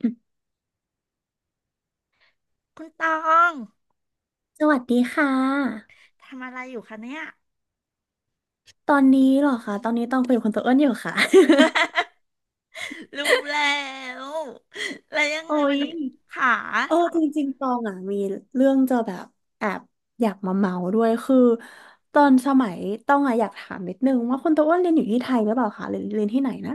คุณตองสวัสดีค่ะทำอะไรอยู่คะเนี่ยตอนนี้เหรอคะตอนนี้ต้องคุยกับคุณตัวอ้วนอยู่ค่ะ รู้แล้วแล้วยังโอ้ไงวัยนนี้ค่ะจริงๆตองอ่ะมีเรื่องจะแบบแอบอยากมาเมาด้วยคือตอนสมัยต้องอ่ะอยากถามนิดนึงว่าคุณตัวอ้วนเรียนอยู่ที่ไทยหรือเปล่าคะหรือเรียนที่ไหนนะ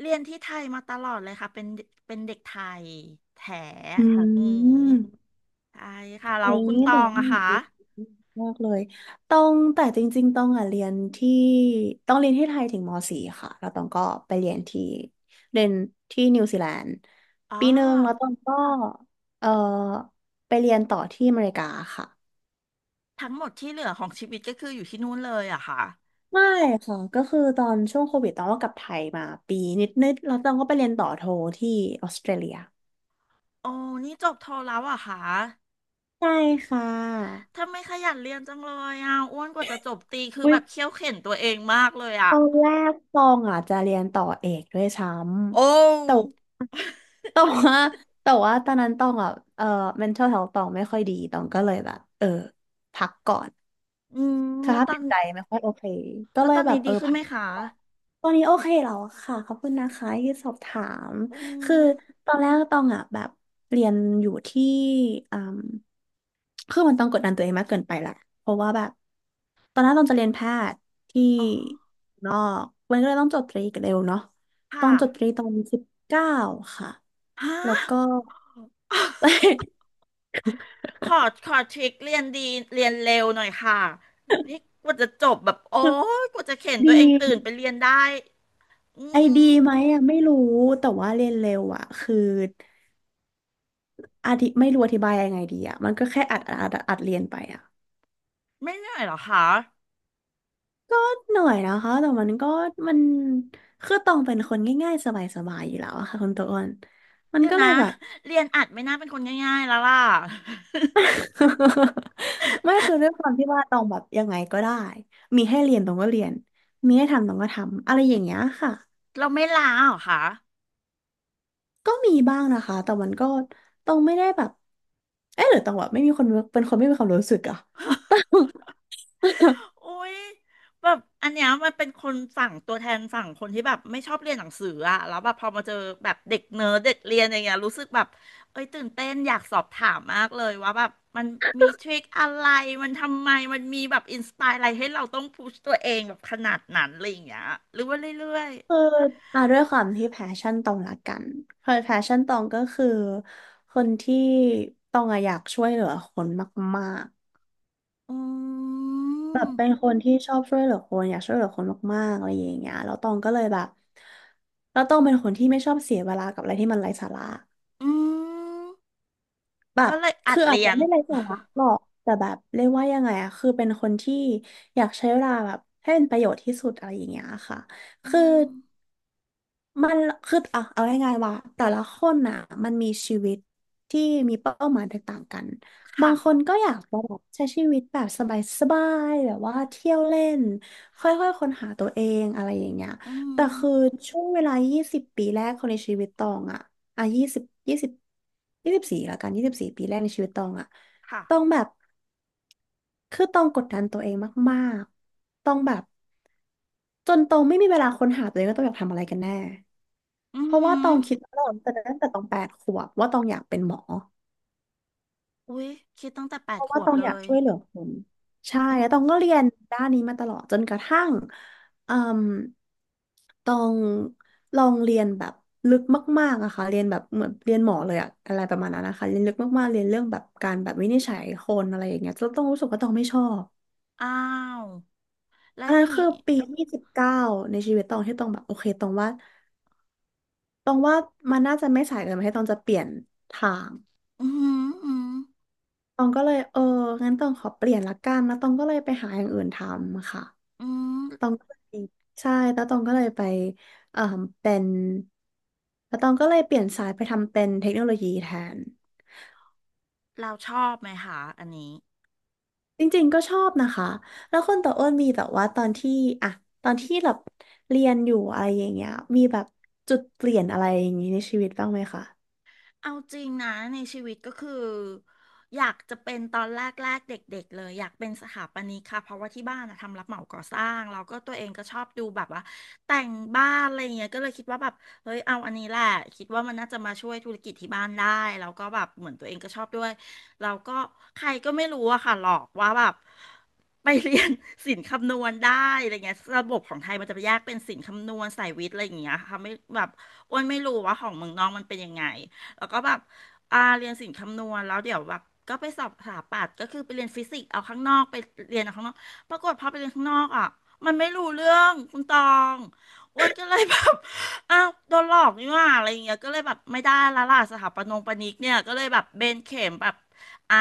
เรียนที่ไทยมาตลอดเลยค่ะเป็นเด็กไทยแท้อือืมม ใช่ค่ะเราโอุ้คุยณตอแต่งว่าอะมัค่ะนมากเลยต้องแต่จริงๆต้องอ่ะเรียนที่ต้องเรียนที่ไทยถึงม .4 ค่ะแล้วต้องก็ไปเรียนที่นิวซีแลนด์อ๋อปีหนึ่งแล้วต้องก็เออไปเรียนต่อที่อเมริกาค่ะทั้งหมดที่เหลือของชีวิตก็คืออยู่ที่นู่นเลยอะค่ะไม่ค่ะก็คือตอนช่วงโควิดต้องก็กลับไทยมาปีนิดๆแล้วต้องก็ไปเรียนต่อโทที่ออสเตรเลียโอ้นี่จบโทแล้วเหรอะค่ะใช่ค่ะทำไมขยันเรียนจังเลยอะอ้วนกว่าจะจบตรีคืออุ๊ยแบบเคี่ยวเข็ญตัวเองมากเลยตอะอนแรกตองอ่ะจะเรียนต่อเอกด้วยซ้โอ้ำแต่ แต่ว่าแต่ว่าตอนนั้นต้องอ่ะเอ่อ mental health ต้องไม่ค่อยดีต้องก็เลยแบบพักก่อนอืมสแล้วภาพตอจิน ตใจไม่ค่อยโอเคก็แล้วเลตยอนแบนี้บดีขึ้นพัไหมก คะตอนนี้โอเคแล้วค่ะขอบคุณนะคะที่สอบถามอืคือมตอนแรกตองอ่ะแบบเรียนอยู่ที่อืมคือมันต้องกดดันตัวเองมากเกินไปแหละเพราะว่าแบบตอนแรกตองจะเรียนแพทย์ที่อ๋อนอกมันก็เลยต้องจบตรีกันเร็วเนาะตอค่ะงจบตรีตอนสิบเก้าค่ะฮะ แล้วก็ ขอ ขอทริคเรียนดี เรียนเร็วหน่อยค่ะ นี่กว่าจะจบแบบ โอ้ยกว่าจะเข็นตัดีวเองตื่นไปเรียนได้อืไอดีมไหมอ่ะไม่รู้แต่ว่าเรียนเร็วอ่ะคือไม่รู้อธิบายยังไงดีอ่ะมันก็แค่อัดอัดอัดอัดเรียนไปอ่ะ ไม่เหนื่อยเหรอคะหน่อยนะคะ แต่มันก็มันคือตองเป็นคนง่ายๆสบายๆอยู่แล้วอะค่ะคุณตัวอ้วนมันเดี๋ยวก็เลนะ ยแบบ เรียนอัดไม่น่าเป็นคนง่ายๆแล้วล่ะ ไม่คือด้วยความที่ว่าตองแบบยังไงก็ได้มีให้เรียนตองก็เรียนมีให้ทำตองก็ทำอะไรอย่างเงี้ยค่ะ เราไม่ลาเหรอคะ ก็มีบ้างนะคะแต่มันก็ตองไม่ได้แบบเอ๊ะหรือตองแบบไม่มีคนเป็นคนไม่มีความรู้สึกอะ อุ้ยแบบอันเนี้ยมันเป็นคนฝั่งตัวแทนฝั่งคนที่แบบไม่ชอบเรียนหนังสืออะแล้วแบบพอมาเจอแบบเด็กเนิร์ดเด็กเรียนอย่างเงี้ยรู้สึกแบบเอ้ยตื่นเต้นอยากสอบถามมากเลยว่าแบบมันมีทริคอะไรมันทำไมมันมีแบบอินสปายอะไรให้เราต้องพุชตัวเองแบบขนาดนั้นอะไรอย่างเงี้ยหรือว่าเรื่อยคืออ่ะด้วยความที่แพชชั่นตองละกันคือแพชชั่นตองก็คือคนที่ตองอะอยากช่วยเหลือคนมาก ๆแบบเป็นมคนที่ชอบช่วยเหลือคนอยากช่วยเหลือคนมากๆอะไรอย่างเงี้ยแล้วตองก็เลยแบบแล้วตองเป็นคนที่ไม่ชอบเสียเวลากับอะไรที่มันไร้สาระอืมแบก็บเลยอัคืดออาจเรียจะนไม่ไร้สาระหรอกแต่แบบเรียกว่ายังไงอะคือเป็นคนที่อยากใช้เวลาแบบให้เป็นประโยชน์ที่สุดอะไรอย่างเงี้ยค่ะอืคือ มมันคือเอาง่ายๆว่าแต่ละคนน่ะมันมีชีวิตที่มีเป้าหมายแตกต่างกันบาค่ะงคนก็อยากจะแบบใช้ชีวิตแบบสบายๆแบบว่าเที่ยวเล่นค่อยๆค้นหาตัวเองอะไรอย่างเงี้ยอืแต่มคือช่วงเวลา 20 ปีแรกของในชีวิตตองอ่ะ20 20 24ละกัน24ปีแรกในชีวิตตองอะตองค่ะแบบคือตองกดดันตัวเองมากๆตองแบบจนตองไม่มีเวลาค้นหาตัวเองว่าตองอยากทำอะไรกันแน่ อืเพราะว่าตม องคิดมาตลอดแต่ตั้งแต่ตองแปดขวบว่าตองอยากเป็นหมออุ๊ยคิดตั้งแต่แปเพดราะขว่าวตบองเลอยากยช่วยเหลือคนใช่อืแล้วตอมงก็เรียนด้านนี้มาตลอดจนกระทั่งอืมตองลองเรียนแบบลึกมากๆอะค่ะเรียนแบบเหมือนเรียนหมอเลยอะอะไรประมาณนั้นนะคะเรียนลึกมากๆเรียนเรื่องแบบการแบบวินิจฉัยคนอะไรอย่างเงี้ยแล้วตองรู้สึกว่าตองไม่ชอบอ้าวแล้วอันอนั้ย่านงคืงี้อปีที่สิบเก้าในชีวิตตองที่ตองแบบโอเคตองว่าตองว่ามันน่าจะไม่สายเกินไปให้ตองจะเปลี่ยนทาง อืมอหืมตองก็เลยงั้นตองขอเปลี่ยนละกันแล้วตองก็เลยไปหาอย่างอื่นทำค่ะออืมอตอหืองก็เลยใช่แล้วตองก็เลยไปเอ่อเป็นแล้วตองก็เลยเปลี่ยนสายไปทำเป็นเทคโนโลยีแทนเราชอบไหมคะอันนี้ จริงๆก็ชอบนะคะแล้วคนต่ออ้นมีแต่ว่าตอนที่อะตอนที่แบบเรียนอยู่อะไรอย่างเงี้ยมีแบบจุดเปลี่ยนอะไรอย่างงี้ในชีวิตบ้างไหมคะเอาจริงนะในชีวิตก็คืออยากจะเป็นตอนแรกๆเด็กๆเลยอยากเป็นสถาปนิกค่ะเพราะว่าที่บ้านอะทำรับเหมาก่อสร้างแล้วก็ตัวเองก็ชอบดูแบบว่าแต่งบ้านอะไรเงี้ยก็เลยคิดว่าแบบเฮ้ยเอาอันนี้แหละคิดว่ามันน่าจะมาช่วยธุรกิจที่บ้านได้แล้วก็แบบเหมือนตัวเองก็ชอบด้วยแล้วก็ใครก็ไม่รู้อะค่ะหลอกว่าแบบไปเรียน ศิลป์คำนวณได้อะไรเงี้ยระบบของไทยมันจะแยกเป็นศิลป์คำนวณสายวิทย์อะไรอย่างเงี้ยค่ะไม่แบบอ้วนไม่รู้ว่าของเมืองนอกมันเป็นยังไง แล้วก็แบบเรียนศิลป์คำนวณแล้วเดี๋ยวแบบก็ไปสอบสถาปัตย์ก็คือไปเรียนฟิสิกส์เอาข้างนอกไปเรียนเอาข้างนอกปรากฏพอไปเรียนข้างนอกอ่ะมันไม่รู้เรื่องคุณตองอ้วนก็เลยแบบ อ้าวโดนหลอกนี่หว่าอะไรอย่างเงี้ยก็เลยแบบไม่ได้ละล่ะสถาปนงปนิกเนี่ยก็เลยแบบเบนเข็มแบบอ่า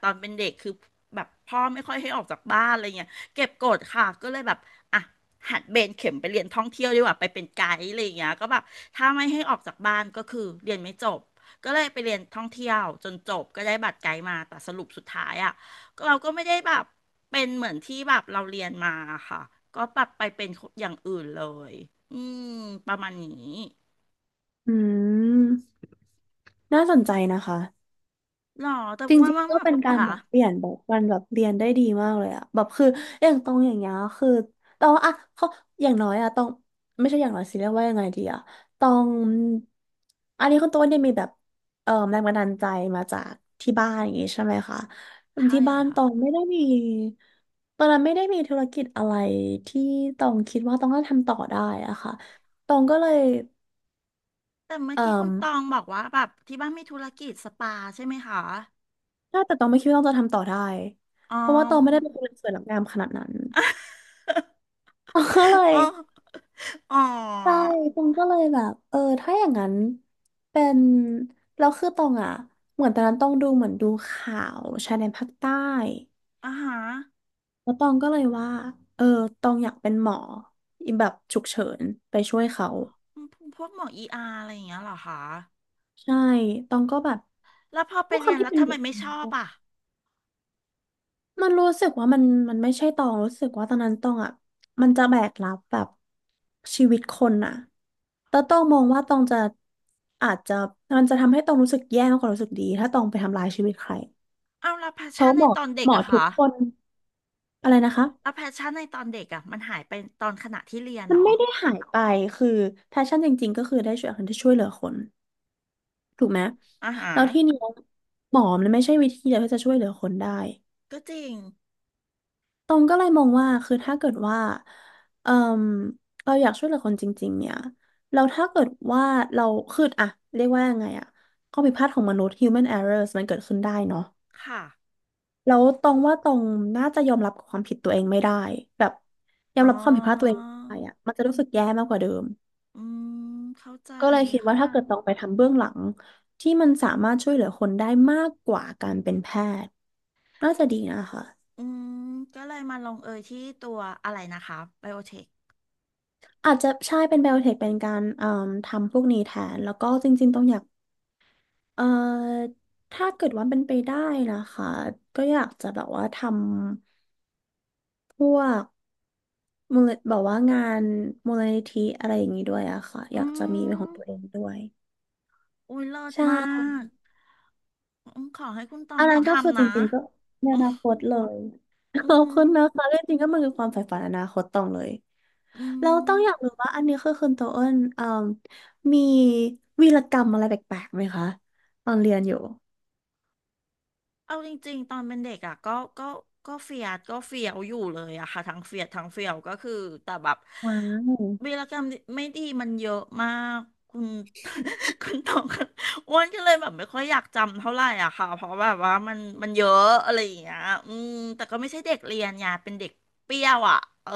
ตอนเป็นเด็กคือแบบพ่อไม่ค่อยให้ออกจากบ้านอะไรเงี้ยเก็บกดค่ะก็เลยแบบอ่ะ หัดเบนเข็มไปเรียนท่องเที่ยวดีกว่าไปเป็นไกด์อะไรอย่างเงี้ยก็แบบถ้าไม่ให้ออกจากบ้านก็คือเรียนไม่จบก็เลยไปเรียนท่องเที่ยวจนจบก็ได้บัตรไกด์มาแต่สรุปสุดท้ายอ่ะก็เราก็ไม่ได้แบบเป็นเหมือนที่แบบเราเรียนมาค่ะก็ปับไปเป็นอย่างอื่นเลยอืมประมาณนี้อืมน่าสนใจนะคะ หรอแต่จอ้วนริงว่าๆก็แบบเป็นการค่ะแบบเปลี่ยนแบบวันแบบเรียนได้ดีมากเลยอะแบบคืออย่างตรงอย่างเงี้ยคือตองอะเขาอย่างน้อยอะตองไม่ใช่อย่างน้อยสิเรียกว่ายังไงดีอะตองอันนี้คุณตัวเนี่ยมีแบบแรงบันดาลใจมาจากที่บ้านอย่างงี้ใช่ไหมคะใช่ที่บ้านตค่ะองไม่ได้มีตอนนั้นไม่ได้มีธุรกิจอะไรที่ตองคิดว่าตองน่าจะทำต่อได้อะค่ะตองก็เลยแต่เมื่อเอ่กี้คุอณตองบอกว่าแบบที่บ้านมีธุรกิจสปาใช่ไหมคะถ้าแต่ตองไม่คิดว่าตองจะทำต่อได้อ๋อ เพราะว่าตองไม่ได้เป็นคนสวยรับงามขนาดนั้น ก็เล ยอ๋อ อ๋อ ใช่ตองก็เลยแบบเออถ้าอย่างนั้นเป็นแล้วคือตองอ่ะเหมือนตอนนั้นตองดูเหมือนดูข่าวชายแดนภาคใต้อ่าฮะแล้วตองก็เลยว่าเออตองอยากเป็นหมอแบบฉุกเฉินไปช่วยเขาพวกหมอเออาร์อะไรอย่างเงี้ยเหรอคะใช่ตองก็แบบแล้วพอไปด้วยคเรีวามยนที่แล้วเป็นทำไมเด็ก ไม่ชอบ อ่ะมันรู้สึกว่ามันไม่ใช่ตองรู้สึกว่าตอนนั้นตองอ่ะมันจะแบกรับแบบชีวิตคนอ่ะแต่ตองมองว่าตองจะอาจจะมันจะทำให้ตองรู้สึกแย่มากกว่ารู้สึกดีถ้าตองไปทำลายชีวิตใครเอาแล้วแพชเพชั่นราะหในมอตอนเด็หกมออะทุคะกคนอะไรนะคะแล้วแพชชั่นในตอนเด็กอะมันหายไปตอนขณะที่เรียนมันเนาะไม่ได้หายไปคือแพชชั่นจริงๆก็คือได้ช่วยคนที่ช่วยเหลือคนถูกไหมอ่าฮะแล้วที่นี้หมอมันไม่ใช่วิธีเดียวที่จะช่วยเหลือคนได้ ก็จริงตรงก็เลยมองว่าคือถ้าเกิดว่าเออเราอยากช่วยเหลือคนจริงๆเนี่ยเราถ้าเกิดว่าเราคืออะเรียกว่ายังไงอะข้อผิดพลาดของมนุษย์ human errors มันเกิดขึ้นได้เนาะค่ะแล้วตรงน่าจะยอมรับกับความผิดตัวเองไม่ได้แบบยอมอ๋รับความผิดพลาดตัวเองอไม่ได้อะมันจะรู้สึกแย่มากกว่าเดิมอืมเข้าใจก็เลยคิดว่าค่ะถ้าเกิดตรงไปทำเบื้องหลังที่มันสามารถช่วยเหลือคนได้มากกว่าการเป็นแพทย์น่าจะดีนะคะ อืมก็เลยมาลงเอยที่ตัวอะไรนะคะไบโอเทคอาจจะใช่เป็นไบโอเทคเป็นการเอ่มทำพวกนี้แทนแล้วก็จริงๆต้องอยากเอ่อถ้าเกิดว่าเป็นไปได้นะคะก็อยากจะแบบว่าทำพวกมูลแบบว่างานมูลนิธิอะไรอย่างนี้ด้วยอะค่ะออืยากจะมีเป็นของตัวเอมงด้วยอุ้ยเลิศใมาช่กอืมขอให้คุณตออังนได้นั้นก็คือทำจนะริงๆก็ในอือนาคตเลยขมอบคุณนะคะเรื่องจริงก็มันคือความใฝ่ฝันอนาคตตองเลยอืเราม ต้องอยากรู้ว่าอันนี้คือคุณโตเอิญเอ่มมีวีรกรรมอะไรแปลกๆไหมคะตอนเรียนอยู่ เอาจริงๆตอนเป็นเด็กอ่ะก็ก็ก็เฟียดก็เฟียวอยู่เลยอะค่ะทั้งเฟียดทั้งเฟียวก็คือแต่แบบว้าวีว รกรรมไม่ดีมันเยอะมากคุณ คุณตอง อ้วนก็เลยแบบไม่ค่อยอยากจำเท่าไหร่อะค่ะเพราะแบบว่ามันเยอะอะไรอย่างเงี้ยอืมแต่ก็ไม่ใช่เด็กเรียนไงเป็นเด็กเปรี้ยวอ่ะเออ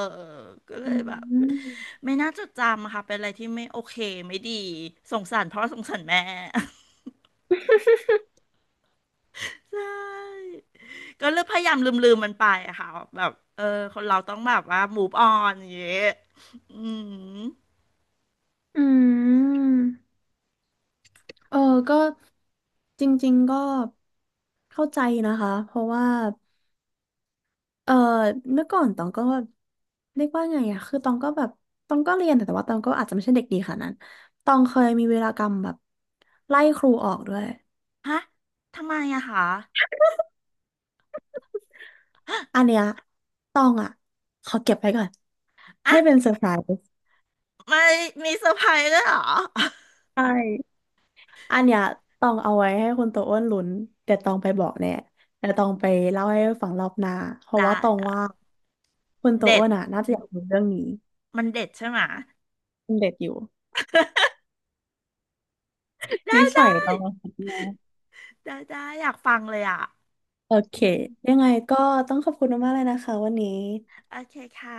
ก็เลอืยแบบมไม่น่าจดจำอะค่ะเป็นอะไรที่ไม่โอเคไม่ดีสงสารพ่อสงสารแม่ ก็เลือกพยายามลืมๆมันไปอะค่ะแบบเออคนเราต้องแบบว่า move on อย่างเงี้ยอืมอืมเออก็จริงๆก็เข้าใจนะคะ เพราะว่าเออเมื่อก่อนตองก็เรียกว่าไงอะคือตองก็แบบตองก็เรียนแต่ว่าตองก็อาจจะไม่ใช่เด็กดีขนาดนั้นตองเคยมีเวรากรรมแบบไล่ครูออกด้วย ฮะทำไมอะคะอันเนี้ยตองอะขอเก็บไว้ก่อนอ่ะให้เป็นเซอร์ไพรส์ไม่มีเซอร์ไพรส์ด้วยเหรอใช่ อันเนี้ยต้องเอาไว้ให้คุณโตอ้วนลุ้นเดี๋ยต้องไปบอกแน่เดี๋ยต้องไปเล่าให้ฟังรอบหน้าเพราะได้ว่าตองได้ว่าคุณโตเด็อ้ดวนอ่ะน่าจะอยากรู้เรื่องนี้มันเด็ดใช่ไหมเป็นเด็ดอยู่ได้นิสัยได้ต้องมนะได้ได้อยากฟังเลยอะโอเคยังไงก็ต้องขอบคุณมากๆเลยนะคะวันนี้โอเคค่ะ